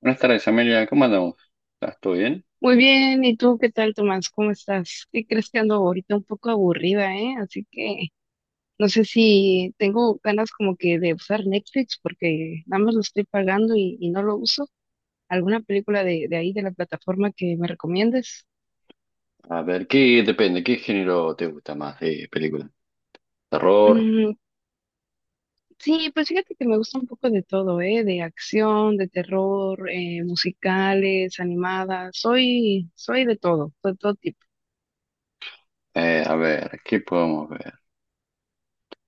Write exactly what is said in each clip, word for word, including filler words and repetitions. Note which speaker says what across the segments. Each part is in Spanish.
Speaker 1: Buenas tardes, Amelia. ¿Cómo andamos? ¿Estás todo bien?
Speaker 2: Muy bien, ¿y tú qué tal, Tomás? ¿Cómo estás? ¿Qué crees? Que ando ahorita un poco aburrida, eh? así que no sé si tengo ganas como que de usar Netflix porque nada más lo estoy pagando y, y no lo uso. ¿Alguna película de, de ahí, de la plataforma que me recomiendes?
Speaker 1: A ver, ¿qué depende? ¿Qué género te gusta más de película? ¿Terror?
Speaker 2: Mm, sí, pues fíjate que me gusta un poco de todo, eh, de acción, de terror, eh, musicales, animadas. Soy, soy de todo, de todo tipo.
Speaker 1: Eh, a ver, ¿qué podemos ver?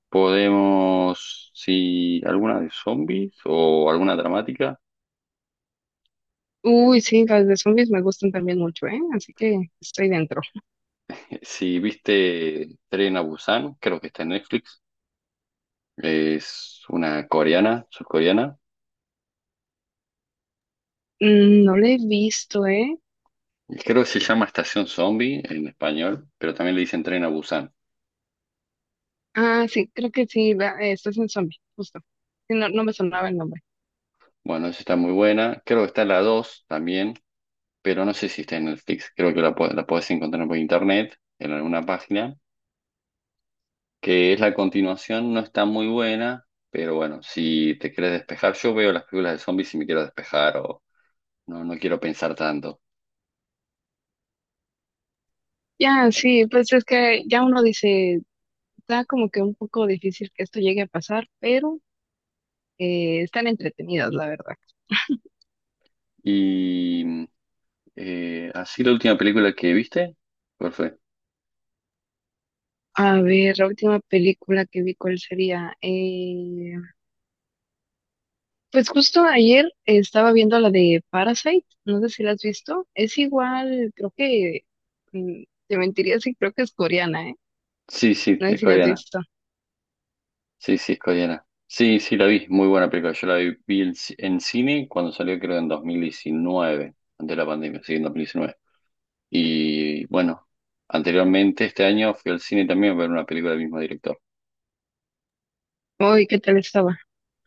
Speaker 1: ¿Podemos, si alguna de zombies o alguna dramática?
Speaker 2: Uy, sí, las de zombies me gustan también mucho, eh, así que estoy dentro.
Speaker 1: Eh, Si viste Tren a Busan, creo que está en Netflix. Es una coreana, surcoreana.
Speaker 2: Mm, no lo he visto, ¿eh?
Speaker 1: Y creo que se llama Estación Zombie en español, pero también le dicen Tren a Busan.
Speaker 2: Ah, sí, creo que sí, la- eh, estás en zombie, justo. Sí, no, no me sonaba el nombre.
Speaker 1: Bueno, esa está muy buena. Creo que está la dos también, pero no sé si está en Netflix. Creo que la, po- la podés encontrar por internet, en alguna página, que es la continuación, no está muy buena, pero bueno, si te quieres despejar, yo veo las películas de zombies y me quiero despejar o no, no quiero pensar tanto.
Speaker 2: Ya, sí, pues es que ya uno dice, está como que un poco difícil que esto llegue a pasar, pero eh, están entretenidas, la verdad.
Speaker 1: Y eh, así la última película que viste, ¿cuál fue?
Speaker 2: A ver, la última película que vi, ¿cuál sería? Eh, pues justo ayer estaba viendo la de Parasite, no sé si la has visto. Es igual, creo que, mm, te mentiría si creo que es coreana, ¿eh?
Speaker 1: Sí, sí,
Speaker 2: No sé
Speaker 1: es
Speaker 2: si la has
Speaker 1: coreana.
Speaker 2: visto.
Speaker 1: Sí, sí, es coreana. Sí, sí, la vi, muy buena película. Yo la vi, vi en, ci- en cine cuando salió, creo, en dos mil diecinueve, antes de la pandemia, sí, en dos mil diecinueve. Y bueno, anteriormente este año fui al cine también a ver una película del mismo director.
Speaker 2: Uy, ¿qué tal estaba?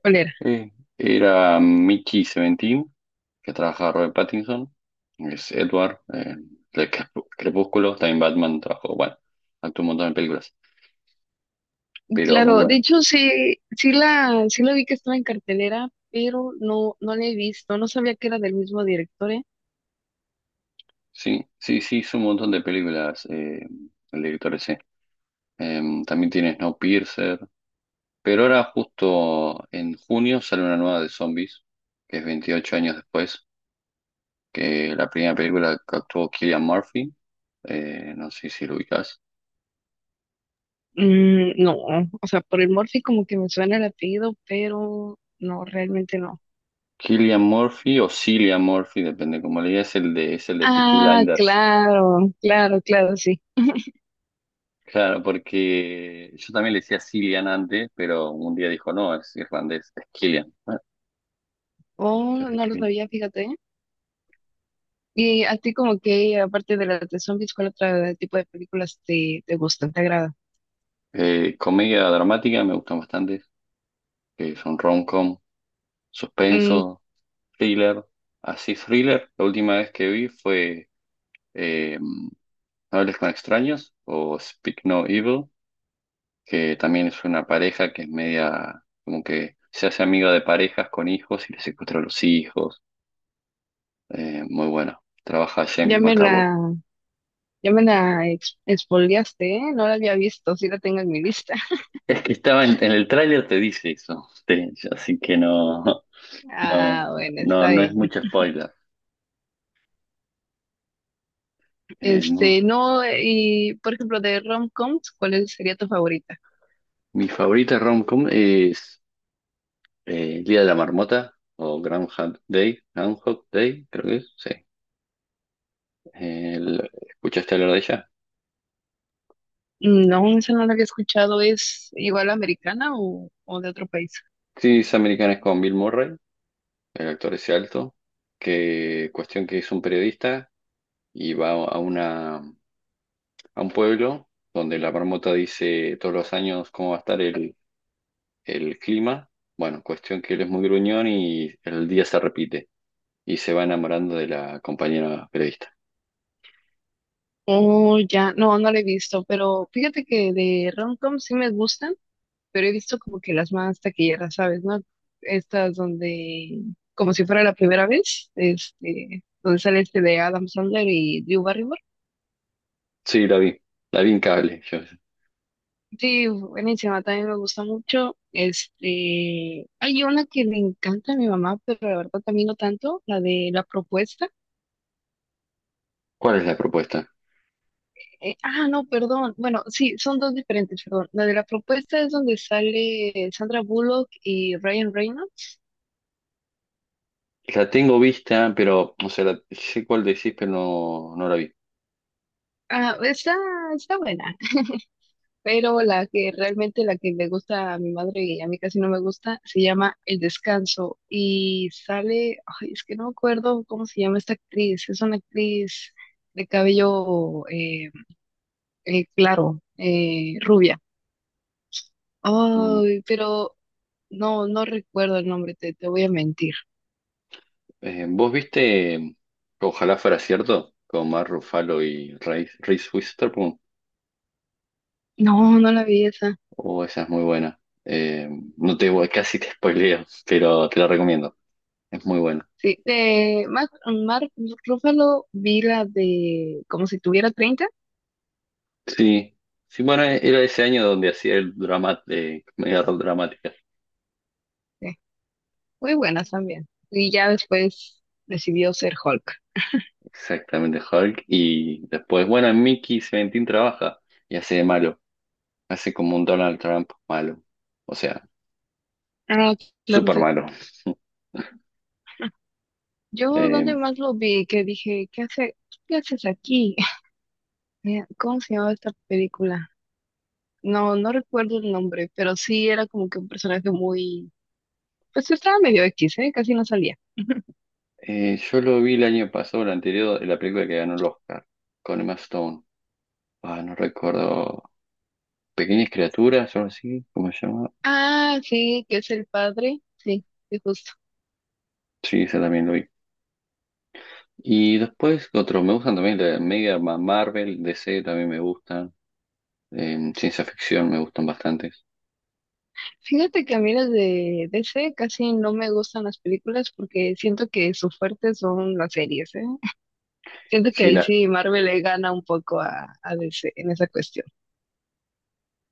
Speaker 2: ¿Cuál era?
Speaker 1: Eh, era Mickey Seventeen, que trabaja Robert Pattinson, es Edward, eh, de Crep- Crepúsculo, también Batman trabajó, bueno, actuó un montón de películas, pero muy
Speaker 2: Claro, de
Speaker 1: bueno.
Speaker 2: hecho sí, sí la, sí la vi que estaba en cartelera, pero no, no la he visto, no sabía que era del mismo director, ¿eh?
Speaker 1: Sí, sí, sí, hizo un montón de películas eh, el director ese. Eh, también tiene Snowpiercer, pero ahora justo en junio sale una nueva de zombies, que es veintiocho años después, que la primera película que actuó Cillian Murphy, eh, no sé si lo ubicas.
Speaker 2: Mm, no, o sea, por el Morphy como que me suena el apellido, pero no, realmente no.
Speaker 1: Cillian Murphy o Cillian Murphy, depende cómo le digas, es el de, es el de Peaky
Speaker 2: Ah,
Speaker 1: Blinders.
Speaker 2: claro, claro, claro, sí.
Speaker 1: Claro, porque yo también le decía Cillian antes, pero un día dijo, no, es irlandés, es Cillian. Bueno, ya
Speaker 2: Oh,
Speaker 1: le
Speaker 2: no lo
Speaker 1: escribí.
Speaker 2: sabía, fíjate. ¿Eh? Y a ti como que, aparte de las de zombies, ¿cuál otro tipo de películas te, te gustan, te agrada?
Speaker 1: Eh, comedia dramática me gustan bastante, que son rom-com,
Speaker 2: Mm,
Speaker 1: suspenso, thriller, así thriller. La última vez que vi fue eh, No hables con extraños o Speak No Evil, que también es una pareja que es media, como que se hace amiga de parejas con hijos y le secuestra a los hijos. Eh, muy bueno. Trabaja James
Speaker 2: ya me la,
Speaker 1: McAvoy.
Speaker 2: ya me la ex- expoliaste, ¿eh? No la había visto, sí la tengo en mi lista.
Speaker 1: Es que estaba en, en el tráiler te dice eso, te- así que no,
Speaker 2: Ah,
Speaker 1: no,
Speaker 2: bueno,
Speaker 1: no,
Speaker 2: está
Speaker 1: no es
Speaker 2: bien.
Speaker 1: mucho spoiler. Eh, mu-
Speaker 2: Este, no, y por ejemplo, de rom-coms, ¿cuál es- sería tu favorita?
Speaker 1: mi favorita rom-com es eh, El Día de la Marmota o Groundhog Day, Groundhog Day, creo que es, sí. El- ¿escuchaste hablar de ella?
Speaker 2: No, esa no la había escuchado. ¿Es igual americana o, o de otro país?
Speaker 1: Sí, es americana, es con Bill Murray, el actor ese alto, que cuestión que es un periodista y va a una, a un pueblo donde la marmota dice todos los años cómo va a estar el, el clima. Bueno, cuestión que él es muy gruñón y el día se repite y se va enamorando de la compañera periodista.
Speaker 2: Oh, ya, no, no la he visto, pero fíjate que de rom-coms sí me gustan, pero he visto como que las más taquilleras, ¿sabes? ¿No? Estas donde, como si fuera la primera vez, este, donde sale este de Adam Sandler y Drew Barrymore.
Speaker 1: Sí, la vi, la vi en cable yo.
Speaker 2: Sí, buenísima, también me gusta mucho. Este, hay una que le encanta a mi mamá, pero la verdad también no tanto, la de la propuesta.
Speaker 1: ¿Cuál es la propuesta?
Speaker 2: Eh, ah, no, perdón. Bueno, sí, son dos diferentes, perdón. La de la propuesta es donde sale Sandra Bullock y Ryan Reynolds.
Speaker 1: La tengo vista, pero, o sea, la- sé cuál decís, pero no, no la vi.
Speaker 2: Ah, está, está buena. Pero la que realmente la que le gusta a mi madre y a mí casi no me gusta se llama El Descanso y sale, ay, es que no me acuerdo cómo se llama esta actriz, es una actriz de cabello eh, eh, claro, eh, rubia.
Speaker 1: Mm.
Speaker 2: Ay, pero no, no recuerdo el nombre, te, te voy a mentir.
Speaker 1: Eh, ¿vos viste, ojalá fuera cierto, con Mark Ruffalo y Reese Reese Witherspoon?
Speaker 2: No, no la vi esa.
Speaker 1: Oh, esa es muy buena. Eh, no te voy, casi te spoileo, pero te la recomiendo. Es muy buena.
Speaker 2: Sí, de Mark, Mark Ruffalo vi la de como si tuviera treinta.
Speaker 1: Sí, sí, bueno, e, era ese año donde hacía el drama, eh, comedia rock dramática.
Speaker 2: Sí. Muy buenas también. Y ya después decidió ser Hulk.
Speaker 1: Exactamente, Hulk. Y después, bueno, en Mickey Seventeen trabaja y hace de malo. Hace como un Donald Trump malo. O sea,
Speaker 2: Ah, claro,
Speaker 1: súper
Speaker 2: sí.
Speaker 1: malo.
Speaker 2: Yo
Speaker 1: Eh,
Speaker 2: donde más lo vi, que dije, ¿qué hace, ¿qué haces aquí? Eh, ¿cómo se llamaba esta película? No, no recuerdo el nombre, pero sí era como que un personaje muy, pues estaba medio X, ¿eh? Casi no salía.
Speaker 1: Eh, yo lo vi el año pasado, el anterior, en la película que ganó el Oscar, con Emma Stone. Ah, no recuerdo. Pequeñas criaturas, algo así, ¿cómo se llama?
Speaker 2: Ah, sí, que es el padre. Sí, sí, justo.
Speaker 1: Sí, esa también lo vi. Y después, otros, me gustan también la Mega Ma- Marvel, D C también me gustan. eh, ciencia ficción me gustan bastantes.
Speaker 2: Fíjate que a mí las de D C casi no me gustan las películas porque siento que su fuerte son las series, ¿eh? Siento que
Speaker 1: Sí,
Speaker 2: ahí
Speaker 1: la,
Speaker 2: sí Marvel le gana un poco a, a D C en esa cuestión.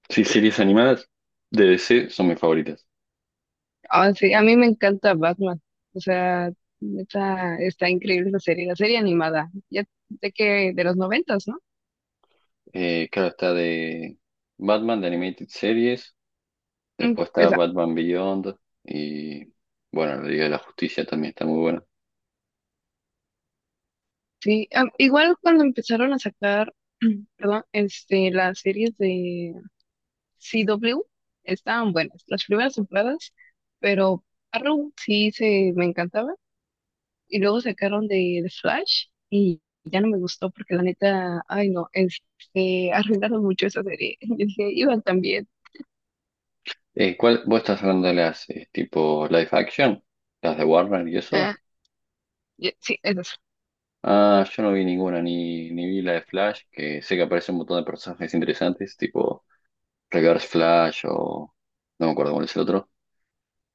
Speaker 1: sí, series animadas de D C son mis favoritas.
Speaker 2: Ah, sí, a mí me encanta Batman. O sea, neta, está increíble esa serie, la serie animada. Ya de que de los noventas, ¿no?
Speaker 1: Eh, claro, está de Batman, de Animated Series.
Speaker 2: Mm,
Speaker 1: Después está
Speaker 2: esa,
Speaker 1: Batman Beyond. Y bueno, la Liga de la Justicia también está muy buena.
Speaker 2: sí. Ah, igual cuando empezaron a sacar, perdón, este, las series de C W estaban buenas, las primeras temporadas, pero Arrow sí se me encantaba. Y luego sacaron de, de Flash y ya no me gustó porque la neta, ay no, este, arruinaron mucho esa serie. Yo dije, iban también.
Speaker 1: Eh, ¿cuál, vos estás hablando de las eh, tipo live action? ¿Las de Warner y eso?
Speaker 2: Ah, ya- sí, es eso.
Speaker 1: Ah, yo no vi ninguna, ni, ni vi la de Flash, que sé que aparece un montón de personajes interesantes, tipo Reverse Flash o no me acuerdo cuál es el otro,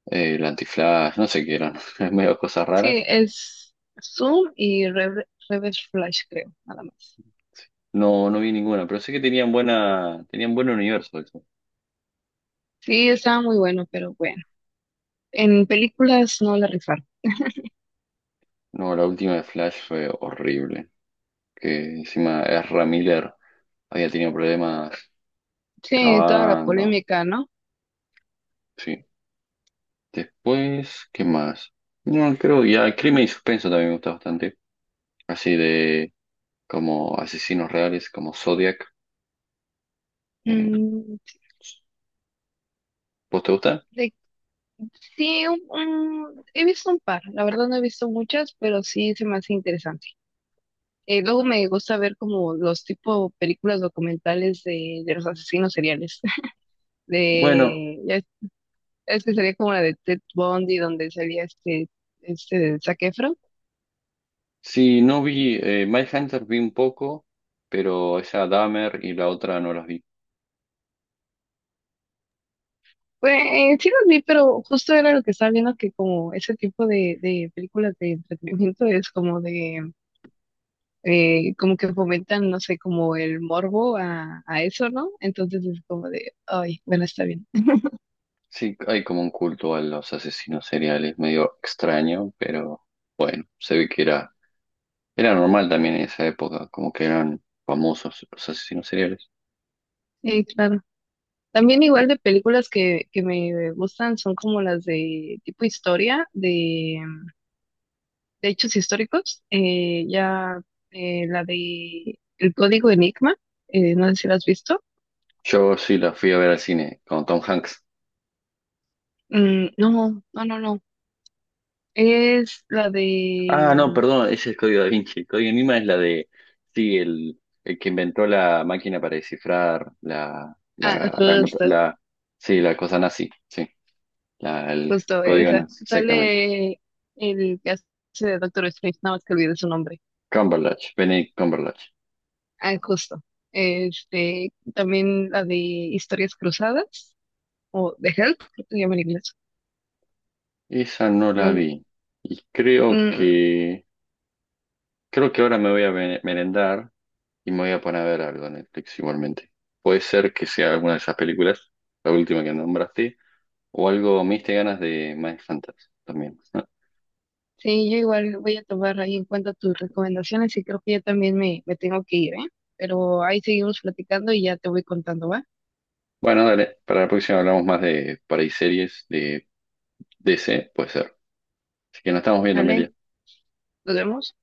Speaker 1: eh, el Anti-Flash, no sé qué eran, es medio cosas
Speaker 2: Sí,
Speaker 1: raras.
Speaker 2: es Zoom y Rever- Reverse Flash, creo, nada más.
Speaker 1: No, no vi ninguna, pero sé que tenían buena, tenían buen universo eso.
Speaker 2: Sí, estaba muy bueno, pero bueno. En películas no la rifaron.
Speaker 1: No, la última de Flash fue horrible, que encima Ezra Miller había tenido problemas
Speaker 2: Sí, toda la
Speaker 1: grabando,
Speaker 2: polémica, ¿no?
Speaker 1: sí. Después, ¿qué más? No, creo ya crimen y suspenso también me gusta bastante. Así de como asesinos reales, como Zodiac. Eh,
Speaker 2: Mm,
Speaker 1: ¿Vos te gusta?
Speaker 2: de- sí, un- un- he visto un par. La verdad no he visto muchas, pero sí se me hace interesante. Eh, luego me gusta ver como los tipo películas documentales de, de los asesinos seriales.
Speaker 1: Bueno,
Speaker 2: De, ya es, es que sería como la de Ted Bundy, donde salía este, este Zac Efron.
Speaker 1: sí, no vi, eh, Hunter vi un poco, pero esa Dahmer y la otra no las vi.
Speaker 2: Pues eh, sí los vi, pero justo era lo que estaba viendo que como ese tipo de, de películas de entretenimiento es como de, eh, como que fomentan, no sé, como el morbo a, a eso, ¿no? Entonces es como de, ay, bueno, está bien.
Speaker 1: Sí, hay como un culto a los asesinos seriales, medio extraño, pero bueno, se ve que era, era normal también en esa época, como que eran famosos los asesinos seriales.
Speaker 2: Sí, claro. También igual de películas que, que me gustan son como las de tipo historia, de, de hechos históricos. Eh, ya eh, la de El Código Enigma, eh, no sé si la has visto.
Speaker 1: Yo sí la fui a ver al cine con Tom Hanks.
Speaker 2: Mm, no, no, no, no. Es la
Speaker 1: Ah,
Speaker 2: de...
Speaker 1: no,
Speaker 2: mm,
Speaker 1: perdón, ese es Código Da Vinci. El Código Enigma es la de, sí, el, el que inventó la máquina para descifrar la,
Speaker 2: ah,
Speaker 1: la, la, computa-
Speaker 2: justo,
Speaker 1: la- sí, la cosa nazi, sí, la- el
Speaker 2: justo
Speaker 1: código
Speaker 2: esa.
Speaker 1: nazi, exactamente.
Speaker 2: Sale el que hace de Doctor Strange, nada más que olvidé su nombre.
Speaker 1: Cumberbatch, Benedict Cumberbatch.
Speaker 2: Ah, justo. Este, también la de Historias Cruzadas, o The Help, creo que se llama en inglés.
Speaker 1: Esa no la
Speaker 2: Mm,
Speaker 1: vi. Y creo
Speaker 2: mm,
Speaker 1: que, creo que ahora me voy a me- merendar y me voy a poner a ver algo en Netflix igualmente. Puede ser que sea alguna de esas películas, la última que nombraste, o algo, me diste ganas de Mindhunters también.
Speaker 2: sí, yo igual voy a tomar ahí en cuenta tus recomendaciones y creo que yo también me, me tengo que ir, ¿eh? Pero ahí seguimos platicando y ya te voy contando, ¿va?
Speaker 1: Bueno, dale, para la próxima hablamos más de, por ahí, series de D C, puede ser. Así que nos estamos viendo,
Speaker 2: Dale,
Speaker 1: Meli.
Speaker 2: nos vemos.